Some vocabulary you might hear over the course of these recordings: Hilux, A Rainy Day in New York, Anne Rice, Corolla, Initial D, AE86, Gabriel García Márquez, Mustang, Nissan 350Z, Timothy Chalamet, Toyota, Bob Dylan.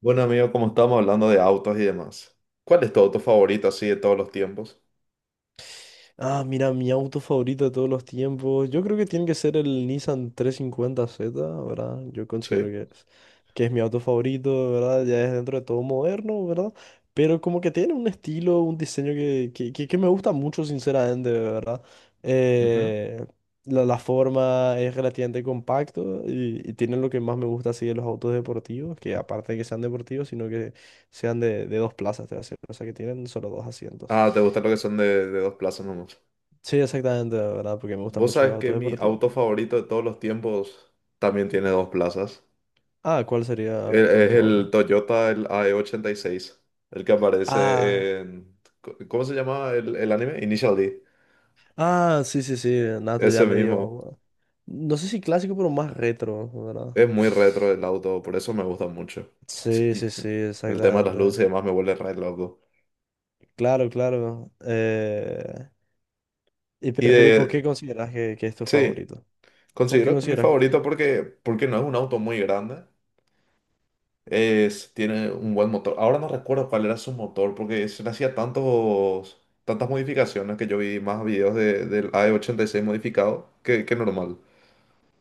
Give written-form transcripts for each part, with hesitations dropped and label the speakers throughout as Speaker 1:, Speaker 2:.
Speaker 1: Bueno, amigo, como estábamos hablando de autos y demás, ¿cuál es tu auto favorito así de todos los tiempos?
Speaker 2: Mira, mi auto favorito de todos los tiempos. Yo creo que tiene que ser el Nissan 350Z, ¿verdad? Yo considero
Speaker 1: Sí.
Speaker 2: que es mi auto favorito, ¿verdad? Ya es dentro de todo moderno, ¿verdad? Pero como que tiene un estilo, un diseño que me gusta mucho, sinceramente, ¿verdad?
Speaker 1: Ujú.
Speaker 2: Eh, la forma es relativamente compacto y tiene lo que más me gusta así de los autos deportivos, que aparte de que sean deportivos, sino que sean de dos plazas, te voy a decir. O sea, que tienen solo dos asientos.
Speaker 1: Ah, ¿te gusta lo que son de dos plazas nomás?
Speaker 2: Sí, exactamente, la ¿verdad? Porque me gustan
Speaker 1: Vos
Speaker 2: mucho
Speaker 1: sabés
Speaker 2: los
Speaker 1: que
Speaker 2: autos
Speaker 1: mi
Speaker 2: deportivos.
Speaker 1: auto favorito de todos los tiempos también tiene dos plazas.
Speaker 2: Ah, ¿cuál sería
Speaker 1: E- Es
Speaker 2: tu
Speaker 1: el
Speaker 2: auto?
Speaker 1: Toyota, el AE86, el que
Speaker 2: Ah,
Speaker 1: aparece. ¿Cómo se llama el anime? Initial D.
Speaker 2: ah, sí, sí, sí, Nato
Speaker 1: Ese
Speaker 2: ya
Speaker 1: mismo.
Speaker 2: medio. No sé si clásico, pero más retro, ¿verdad?
Speaker 1: Es muy retro el auto, por eso me gusta mucho. Sí.
Speaker 2: Sí, sí,
Speaker 1: Y
Speaker 2: sí,
Speaker 1: el tema de las
Speaker 2: exactamente.
Speaker 1: luces y demás me vuelve re loco.
Speaker 2: Claro, claro.
Speaker 1: Y
Speaker 2: Pero ¿y por qué
Speaker 1: de...
Speaker 2: consideras que es tu
Speaker 1: Sí.
Speaker 2: favorito? ¿Por qué
Speaker 1: Considero que es mi
Speaker 2: consideras que...
Speaker 1: favorito porque no es un auto muy grande. Tiene un buen motor. Ahora no recuerdo cuál era su motor porque se le hacía tantos, tantas modificaciones que yo vi más videos de, del AE86 modificado que normal.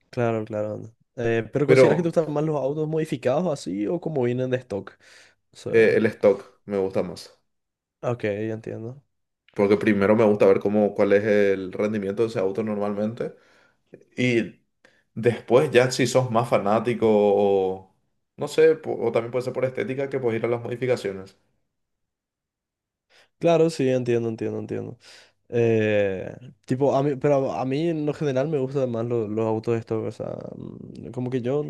Speaker 2: Claro, claro. Anda. Pero ¿consideras que te
Speaker 1: Pero
Speaker 2: gustan más los autos modificados así o como vienen de stock? O sea,
Speaker 1: el stock me gusta más.
Speaker 2: ok, ya entiendo.
Speaker 1: Porque primero me gusta ver cómo, cuál es el rendimiento de ese auto normalmente. Y después ya si sos más fanático o no sé, o también puede ser por estética que puedes ir a las modificaciones.
Speaker 2: Claro, sí, entiendo, entiendo, entiendo. Eh, tipo, a mí en lo general me gustan más autos estos, o sea, como que yo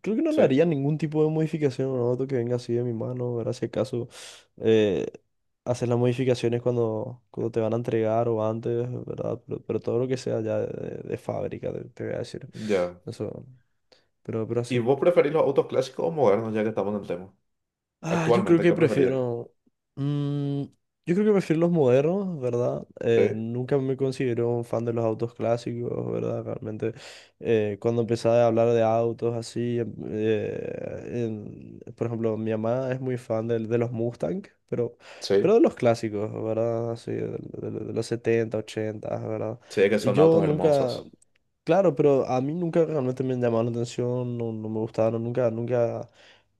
Speaker 2: creo que no
Speaker 1: Sí,
Speaker 2: le haría ningún tipo de modificación a un auto que venga así de mi mano, ¿verdad? Si acaso eh, hacer las modificaciones cuando te van a entregar o antes, ¿verdad? Pero todo lo que sea ya de fábrica, te voy a decir.
Speaker 1: ya.
Speaker 2: Eso, pero
Speaker 1: ¿Y
Speaker 2: así.
Speaker 1: vos preferís los autos clásicos o modernos, ya que estamos en el tema?
Speaker 2: Ah, yo creo
Speaker 1: Actualmente,
Speaker 2: que
Speaker 1: ¿qué preferís?
Speaker 2: prefiero. mm, yo creo que prefiero los modernos, ¿verdad?
Speaker 1: Sí,
Speaker 2: Nunca me considero un fan de los autos clásicos, ¿verdad? Realmente, cuando empecé a hablar de autos así, por ejemplo, mi mamá es muy fan los Mustang, pero, pero
Speaker 1: sí,
Speaker 2: de los clásicos, ¿verdad? Así, de los 70 80, ¿verdad?
Speaker 1: sí, que
Speaker 2: Y
Speaker 1: son
Speaker 2: yo
Speaker 1: autos
Speaker 2: nunca.
Speaker 1: hermosos.
Speaker 2: Claro, pero a mí nunca realmente me llamaron la atención, no, no me gustaron, nunca, nunca.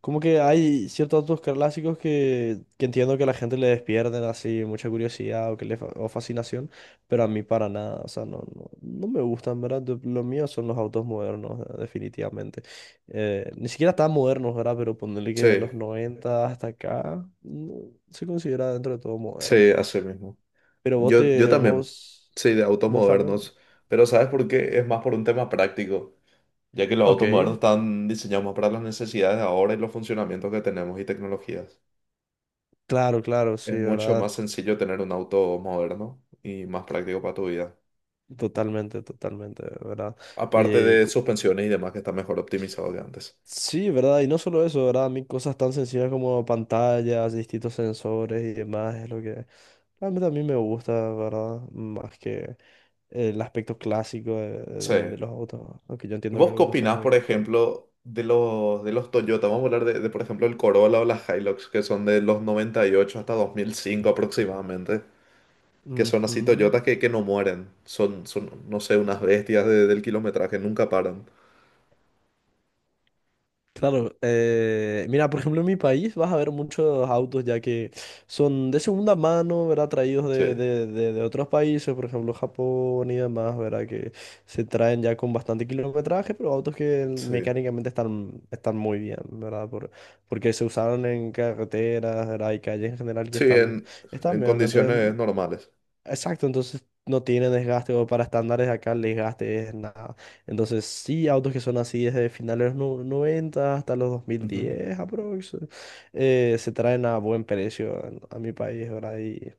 Speaker 2: Como que hay ciertos autos clásicos que entiendo que a la gente le despierten así mucha curiosidad o, que le, fa- o fascinación, pero a mí para nada, o sea, no me gustan, ¿verdad? De- Lo mío son los autos modernos, definitivamente. Ni siquiera tan modernos, ¿verdad? Pero ponerle que
Speaker 1: Sí,
Speaker 2: de los 90 hasta acá, no, se considera dentro de todo moderno.
Speaker 1: sí, así mismo.
Speaker 2: Pero
Speaker 1: Yo también,
Speaker 2: vos,
Speaker 1: sí, de autos
Speaker 2: vos también.
Speaker 1: modernos, pero ¿sabes por qué? Es más por un tema práctico, ya que los
Speaker 2: Ok,
Speaker 1: autos modernos están diseñados más para las necesidades de ahora y los funcionamientos que tenemos y tecnologías.
Speaker 2: claro, claro, sí,
Speaker 1: Es mucho
Speaker 2: ¿verdad?
Speaker 1: más sencillo tener un auto moderno y más práctico para tu vida.
Speaker 2: Totalmente, totalmente, ¿verdad?
Speaker 1: Aparte de suspensiones y demás que está mejor optimizado que antes.
Speaker 2: Sí, ¿verdad? Y no solo eso, ¿verdad? A mí cosas tan sencillas como pantallas, distintos sensores y demás es lo que realmente a mí me gusta, ¿verdad? Más que el aspecto clásico
Speaker 1: Sí.
Speaker 2: de los autos, aunque yo entiendo que
Speaker 1: ¿Vos qué
Speaker 2: algunos son
Speaker 1: opinás,
Speaker 2: muy
Speaker 1: por
Speaker 2: icónicos.
Speaker 1: ejemplo, de los Toyota? Vamos a hablar de, por ejemplo, el Corolla o las Hilux, que son de los 98 hasta 2005 aproximadamente, que son así
Speaker 2: Ujú.
Speaker 1: Toyotas que no mueren. Son, no sé, unas bestias del kilometraje, nunca paran.
Speaker 2: Claro, mira, por ejemplo, en mi país vas a ver muchos autos ya que son de segunda mano, ¿verdad? Traídos
Speaker 1: Sí,
Speaker 2: de otros países, por ejemplo, Japón y demás, ¿verdad? Que se traen ya con bastante kilometraje, pero autos que
Speaker 1: sí.
Speaker 2: mecánicamente están muy bien, ¿verdad? Por, porque se usaron en carreteras, ¿verdad? Y calles en general que
Speaker 1: Sí,
Speaker 2: están,
Speaker 1: en,
Speaker 2: están
Speaker 1: en
Speaker 2: bien.
Speaker 1: condiciones
Speaker 2: Entonces,
Speaker 1: normales.
Speaker 2: exacto, entonces no tiene desgaste o para estándares de acá el desgaste es nada. Entonces sí, autos que son así desde finales de los 90 hasta los
Speaker 1: Ujú.
Speaker 2: 2010 aprox, se traen a buen precio en- a mi país, ¿verdad?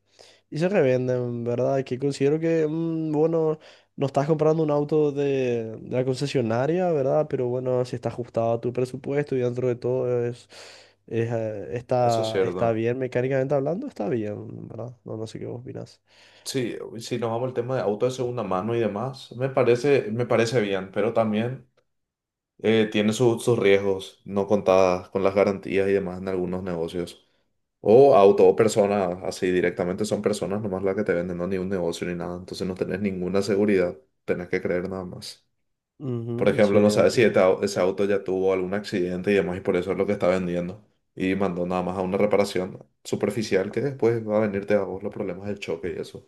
Speaker 2: Y se revenden, ¿verdad? Que considero que, bueno, no estás comprando un auto de la concesionaria, ¿verdad? Pero bueno, si está ajustado a tu presupuesto y dentro de todo
Speaker 1: Eso es
Speaker 2: está
Speaker 1: cierto.
Speaker 2: bien, mecánicamente hablando, está bien, ¿verdad? No, no sé qué vos opinás.
Speaker 1: Sí, si nos vamos al tema de auto de segunda mano y demás, me parece bien, pero también tiene sus riesgos no contadas con las garantías y demás en algunos negocios. O auto o personas, así directamente son personas nomás las que te venden, no ni un negocio ni nada, entonces no tenés ninguna seguridad, tenés que creer nada más. Por
Speaker 2: Ujú, sí,
Speaker 1: ejemplo, no sabes si
Speaker 2: entiendo.
Speaker 1: ese auto ya tuvo algún accidente y demás y por eso es lo que está vendiendo. Y mandó nada más a una reparación superficial que después va a venirte a vos los problemas del choque y eso.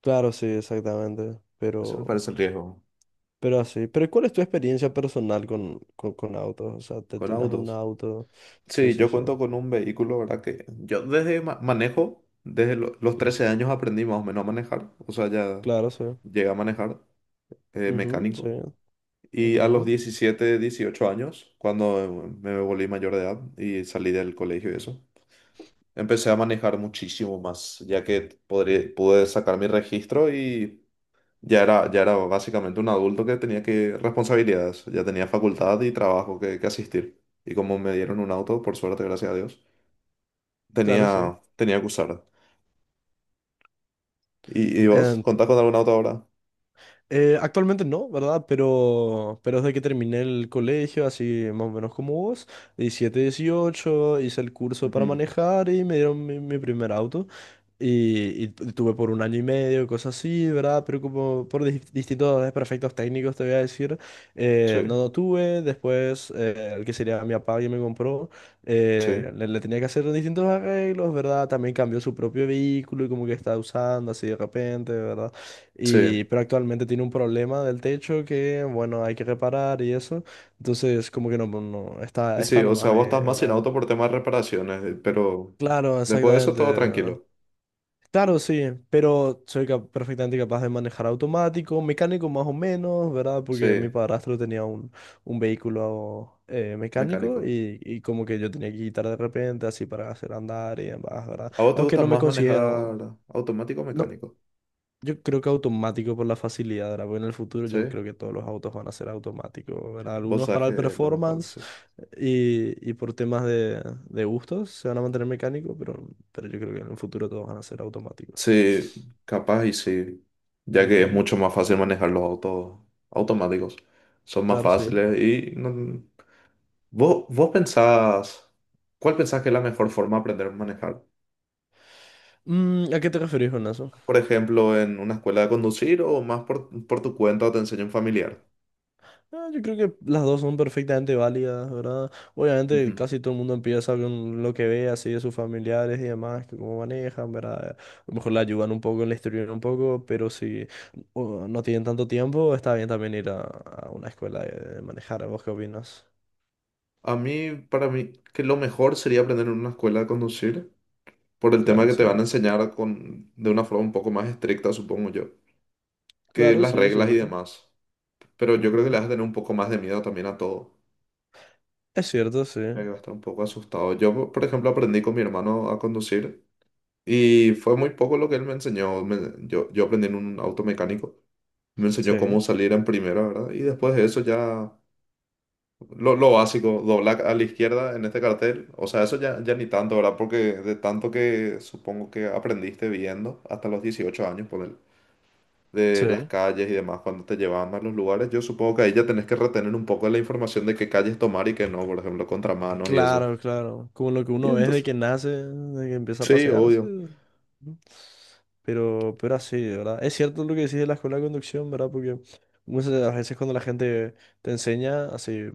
Speaker 2: Claro, sí, exactamente.
Speaker 1: Ese me parece el riesgo.
Speaker 2: Pero así. Pero ¿cuál es tu experiencia personal con autos? O sea, ¿te
Speaker 1: Con
Speaker 2: tenés algún
Speaker 1: autos.
Speaker 2: auto? Sí,
Speaker 1: Sí,
Speaker 2: sí,
Speaker 1: yo
Speaker 2: sí.
Speaker 1: cuento con un vehículo, ¿verdad? Que yo desde manejo, desde los 13 años aprendí más o menos a manejar. O sea, ya
Speaker 2: Claro, sí.
Speaker 1: llegué a manejar
Speaker 2: Ujú, sí,
Speaker 1: mecánico. Y a los
Speaker 2: entiendo.
Speaker 1: 17 18 años, cuando me volví mayor de edad y salí del colegio y eso, empecé a manejar muchísimo más, ya que pude sacar mi registro, ya era básicamente un adulto que tenía que responsabilidades, ya tenía facultad y trabajo que asistir. Y como me dieron un auto, por suerte, gracias a Dios,
Speaker 2: Claro, sí.
Speaker 1: tenía que usar. ¿Y vos?
Speaker 2: Em,
Speaker 1: ¿Contás con algún auto ahora?
Speaker 2: Actualmente no, ¿verdad? Pero desde que terminé el colegio, así más o menos como vos, 17 18 hice el curso para
Speaker 1: Ujú.
Speaker 2: manejar y me dieron mi primer auto. Y, tuve por 1 año y medio, cosas así, ¿verdad? Pero como por distintos desperfectos técnicos, te voy a decir,
Speaker 1: Sí,
Speaker 2: no lo tuve. Después, el que sería mi papá que me compró,
Speaker 1: sí,
Speaker 2: le tenía que hacer distintos arreglos, ¿verdad? También cambió su propio vehículo y como que estaba usando así de repente, ¿verdad?
Speaker 1: sí.
Speaker 2: Y, pero actualmente tiene un problema del techo que, bueno, hay que reparar y eso. Entonces, como que no, no no,
Speaker 1: Y
Speaker 2: está,
Speaker 1: sí,
Speaker 2: está
Speaker 1: o sea,
Speaker 2: nomás ahí
Speaker 1: vos estás más
Speaker 2: el
Speaker 1: sin
Speaker 2: auto.
Speaker 1: auto por temas de reparaciones, pero
Speaker 2: Claro,
Speaker 1: después de eso
Speaker 2: exactamente.
Speaker 1: todo tranquilo.
Speaker 2: Claro, sí, pero soy cap- perfectamente capaz de manejar automático, mecánico más o menos, ¿verdad? Porque mi
Speaker 1: Sí,
Speaker 2: padrastro tenía un vehículo mecánico
Speaker 1: mecánico.
Speaker 2: y como que yo tenía que quitar de repente así para hacer andar y demás, ¿verdad?
Speaker 1: ¿A vos te
Speaker 2: Aunque
Speaker 1: gusta
Speaker 2: no me
Speaker 1: más
Speaker 2: considero...
Speaker 1: manejar automático o
Speaker 2: No.
Speaker 1: mecánico?
Speaker 2: Yo creo que automático por la facilidad, ¿verdad? Porque en el futuro
Speaker 1: Sí,
Speaker 2: yo creo que todos los autos van a ser automáticos, ¿verdad?
Speaker 1: vos
Speaker 2: Algunos
Speaker 1: sabes
Speaker 2: para
Speaker 1: que
Speaker 2: el
Speaker 1: es lo más probable,
Speaker 2: performance
Speaker 1: sí, sí.
Speaker 2: y por temas de gustos se van a mantener mecánicos, pero yo creo que en el futuro todos van a ser automáticos.
Speaker 1: Sí, capaz y sí, ya que es
Speaker 2: Ujú,
Speaker 1: mucho más fácil manejar los autos automáticos. Son más
Speaker 2: claro, sí.
Speaker 1: fáciles y vos pensás, ¿cuál pensás que es la mejor forma de aprender a manejar?
Speaker 2: Mm, ¿a qué te referís con eso?
Speaker 1: Por ejemplo, en una escuela de conducir o más por tu cuenta o te enseña un familiar.
Speaker 2: Ah, yo creo que las dos son perfectamente válidas, ¿verdad? Obviamente
Speaker 1: Ujú.
Speaker 2: casi todo el mundo empieza con lo que ve así de sus familiares y demás, que cómo manejan, ¿verdad? A lo mejor le ayudan un poco, le instruyen un poco, pero si o no tienen tanto tiempo, está bien también ir a una escuela de manejar. ¿Vos qué opinas?
Speaker 1: A mí, para mí, que lo mejor sería aprender en una escuela de conducir por el tema
Speaker 2: Claro,
Speaker 1: que te
Speaker 2: sí.
Speaker 1: van a enseñar con, de una forma un poco más estricta, supongo yo, que
Speaker 2: Claro,
Speaker 1: las
Speaker 2: sí, es
Speaker 1: reglas y
Speaker 2: cierto.
Speaker 1: demás. Pero yo creo que le
Speaker 2: Ujú.
Speaker 1: vas a tener un poco más de miedo también a todo.
Speaker 2: Es cierto, sí.
Speaker 1: Que va a estar un poco asustado. Yo, por ejemplo, aprendí con mi hermano a conducir y fue muy poco lo que él me enseñó. Yo aprendí en un auto mecánico. Me enseñó cómo
Speaker 2: Sí.
Speaker 1: salir en primera, ¿verdad? Y después de eso ya lo básico, doblar a la izquierda en este cartel. O sea, eso ya ni tanto, ¿verdad? Porque de tanto que supongo que aprendiste viendo hasta los 18 años, poner de las
Speaker 2: Sí.
Speaker 1: calles y demás, cuando te llevaban a los lugares, yo supongo que ahí ya tenés que retener un poco la información de qué calles tomar y qué no, por ejemplo, contramanos y eso.
Speaker 2: Claro, claro. Como lo que
Speaker 1: Y
Speaker 2: uno ve desde
Speaker 1: entonces...
Speaker 2: que nace, desde que empieza a
Speaker 1: Sí,
Speaker 2: pasearse.
Speaker 1: obvio.
Speaker 2: ¿No? Pero así, ¿verdad? Es cierto lo que decís de la escuela de conducción, ¿verdad? Porque muchas de las veces cuando la gente te enseña, así,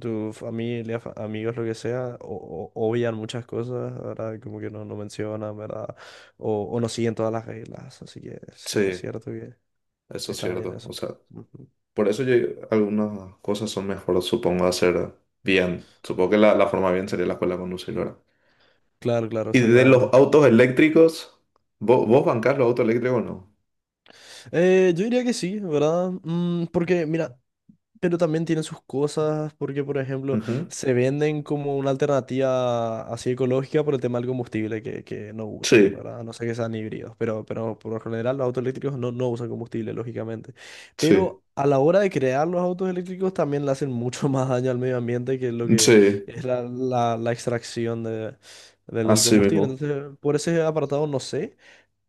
Speaker 2: tu familia, fa- amigos, lo que sea, obvian muchas cosas, ¿verdad? Como que no, no mencionan, ¿verdad? O no siguen todas las reglas. Así que sí, es
Speaker 1: Sí,
Speaker 2: cierto que
Speaker 1: eso es
Speaker 2: está bien
Speaker 1: cierto. O
Speaker 2: eso.
Speaker 1: sea,
Speaker 2: Ujú.
Speaker 1: por eso yo, algunas cosas son mejor, supongo, hacer bien. Supongo que la forma bien sería la escuela con conductora.
Speaker 2: Claro, claro,
Speaker 1: Y de los
Speaker 2: exactamente.
Speaker 1: autos eléctricos, ¿vos bancás los autos eléctricos o no?
Speaker 2: Yo diría que sí, ¿verdad? Mm, porque, mira, pero también tienen sus cosas porque, por ejemplo,
Speaker 1: Ujú.
Speaker 2: se venden como una alternativa así ecológica por el tema del combustible que no usan,
Speaker 1: Sí,
Speaker 2: ¿verdad? A no sé que sean híbridos, pero por lo general los autos eléctricos no, no usan combustible, lógicamente.
Speaker 1: sí,
Speaker 2: Pero a la hora de crear los autos eléctricos también le hacen mucho más daño al medio ambiente que lo que
Speaker 1: sí,
Speaker 2: es la extracción de, del
Speaker 1: así
Speaker 2: combustible.
Speaker 1: mismo.
Speaker 2: Entonces, por ese apartado no sé.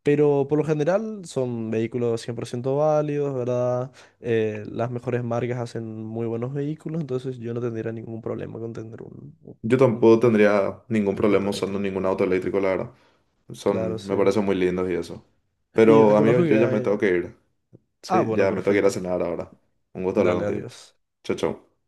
Speaker 2: Pero por lo general son vehículos 100% válidos, ¿verdad? Las mejores marcas hacen muy buenos vehículos, entonces yo no tendría ningún problema con tener
Speaker 1: Yo
Speaker 2: un
Speaker 1: tampoco tendría ningún
Speaker 2: auto
Speaker 1: problema usando
Speaker 2: eléctrico.
Speaker 1: ningún auto eléctrico, la verdad.
Speaker 2: Claro,
Speaker 1: Son,
Speaker 2: sí.
Speaker 1: me parecen muy lindos y eso.
Speaker 2: Y
Speaker 1: Pero, amigo,
Speaker 2: reconozco
Speaker 1: yo
Speaker 2: que
Speaker 1: ya me
Speaker 2: hay...
Speaker 1: tengo que ir.
Speaker 2: Ah,
Speaker 1: Sí,
Speaker 2: bueno,
Speaker 1: ya me tengo que ir a
Speaker 2: perfecto.
Speaker 1: cenar ahora. Un gusto hablar
Speaker 2: Dale,
Speaker 1: contigo.
Speaker 2: adiós.
Speaker 1: Chao, chao.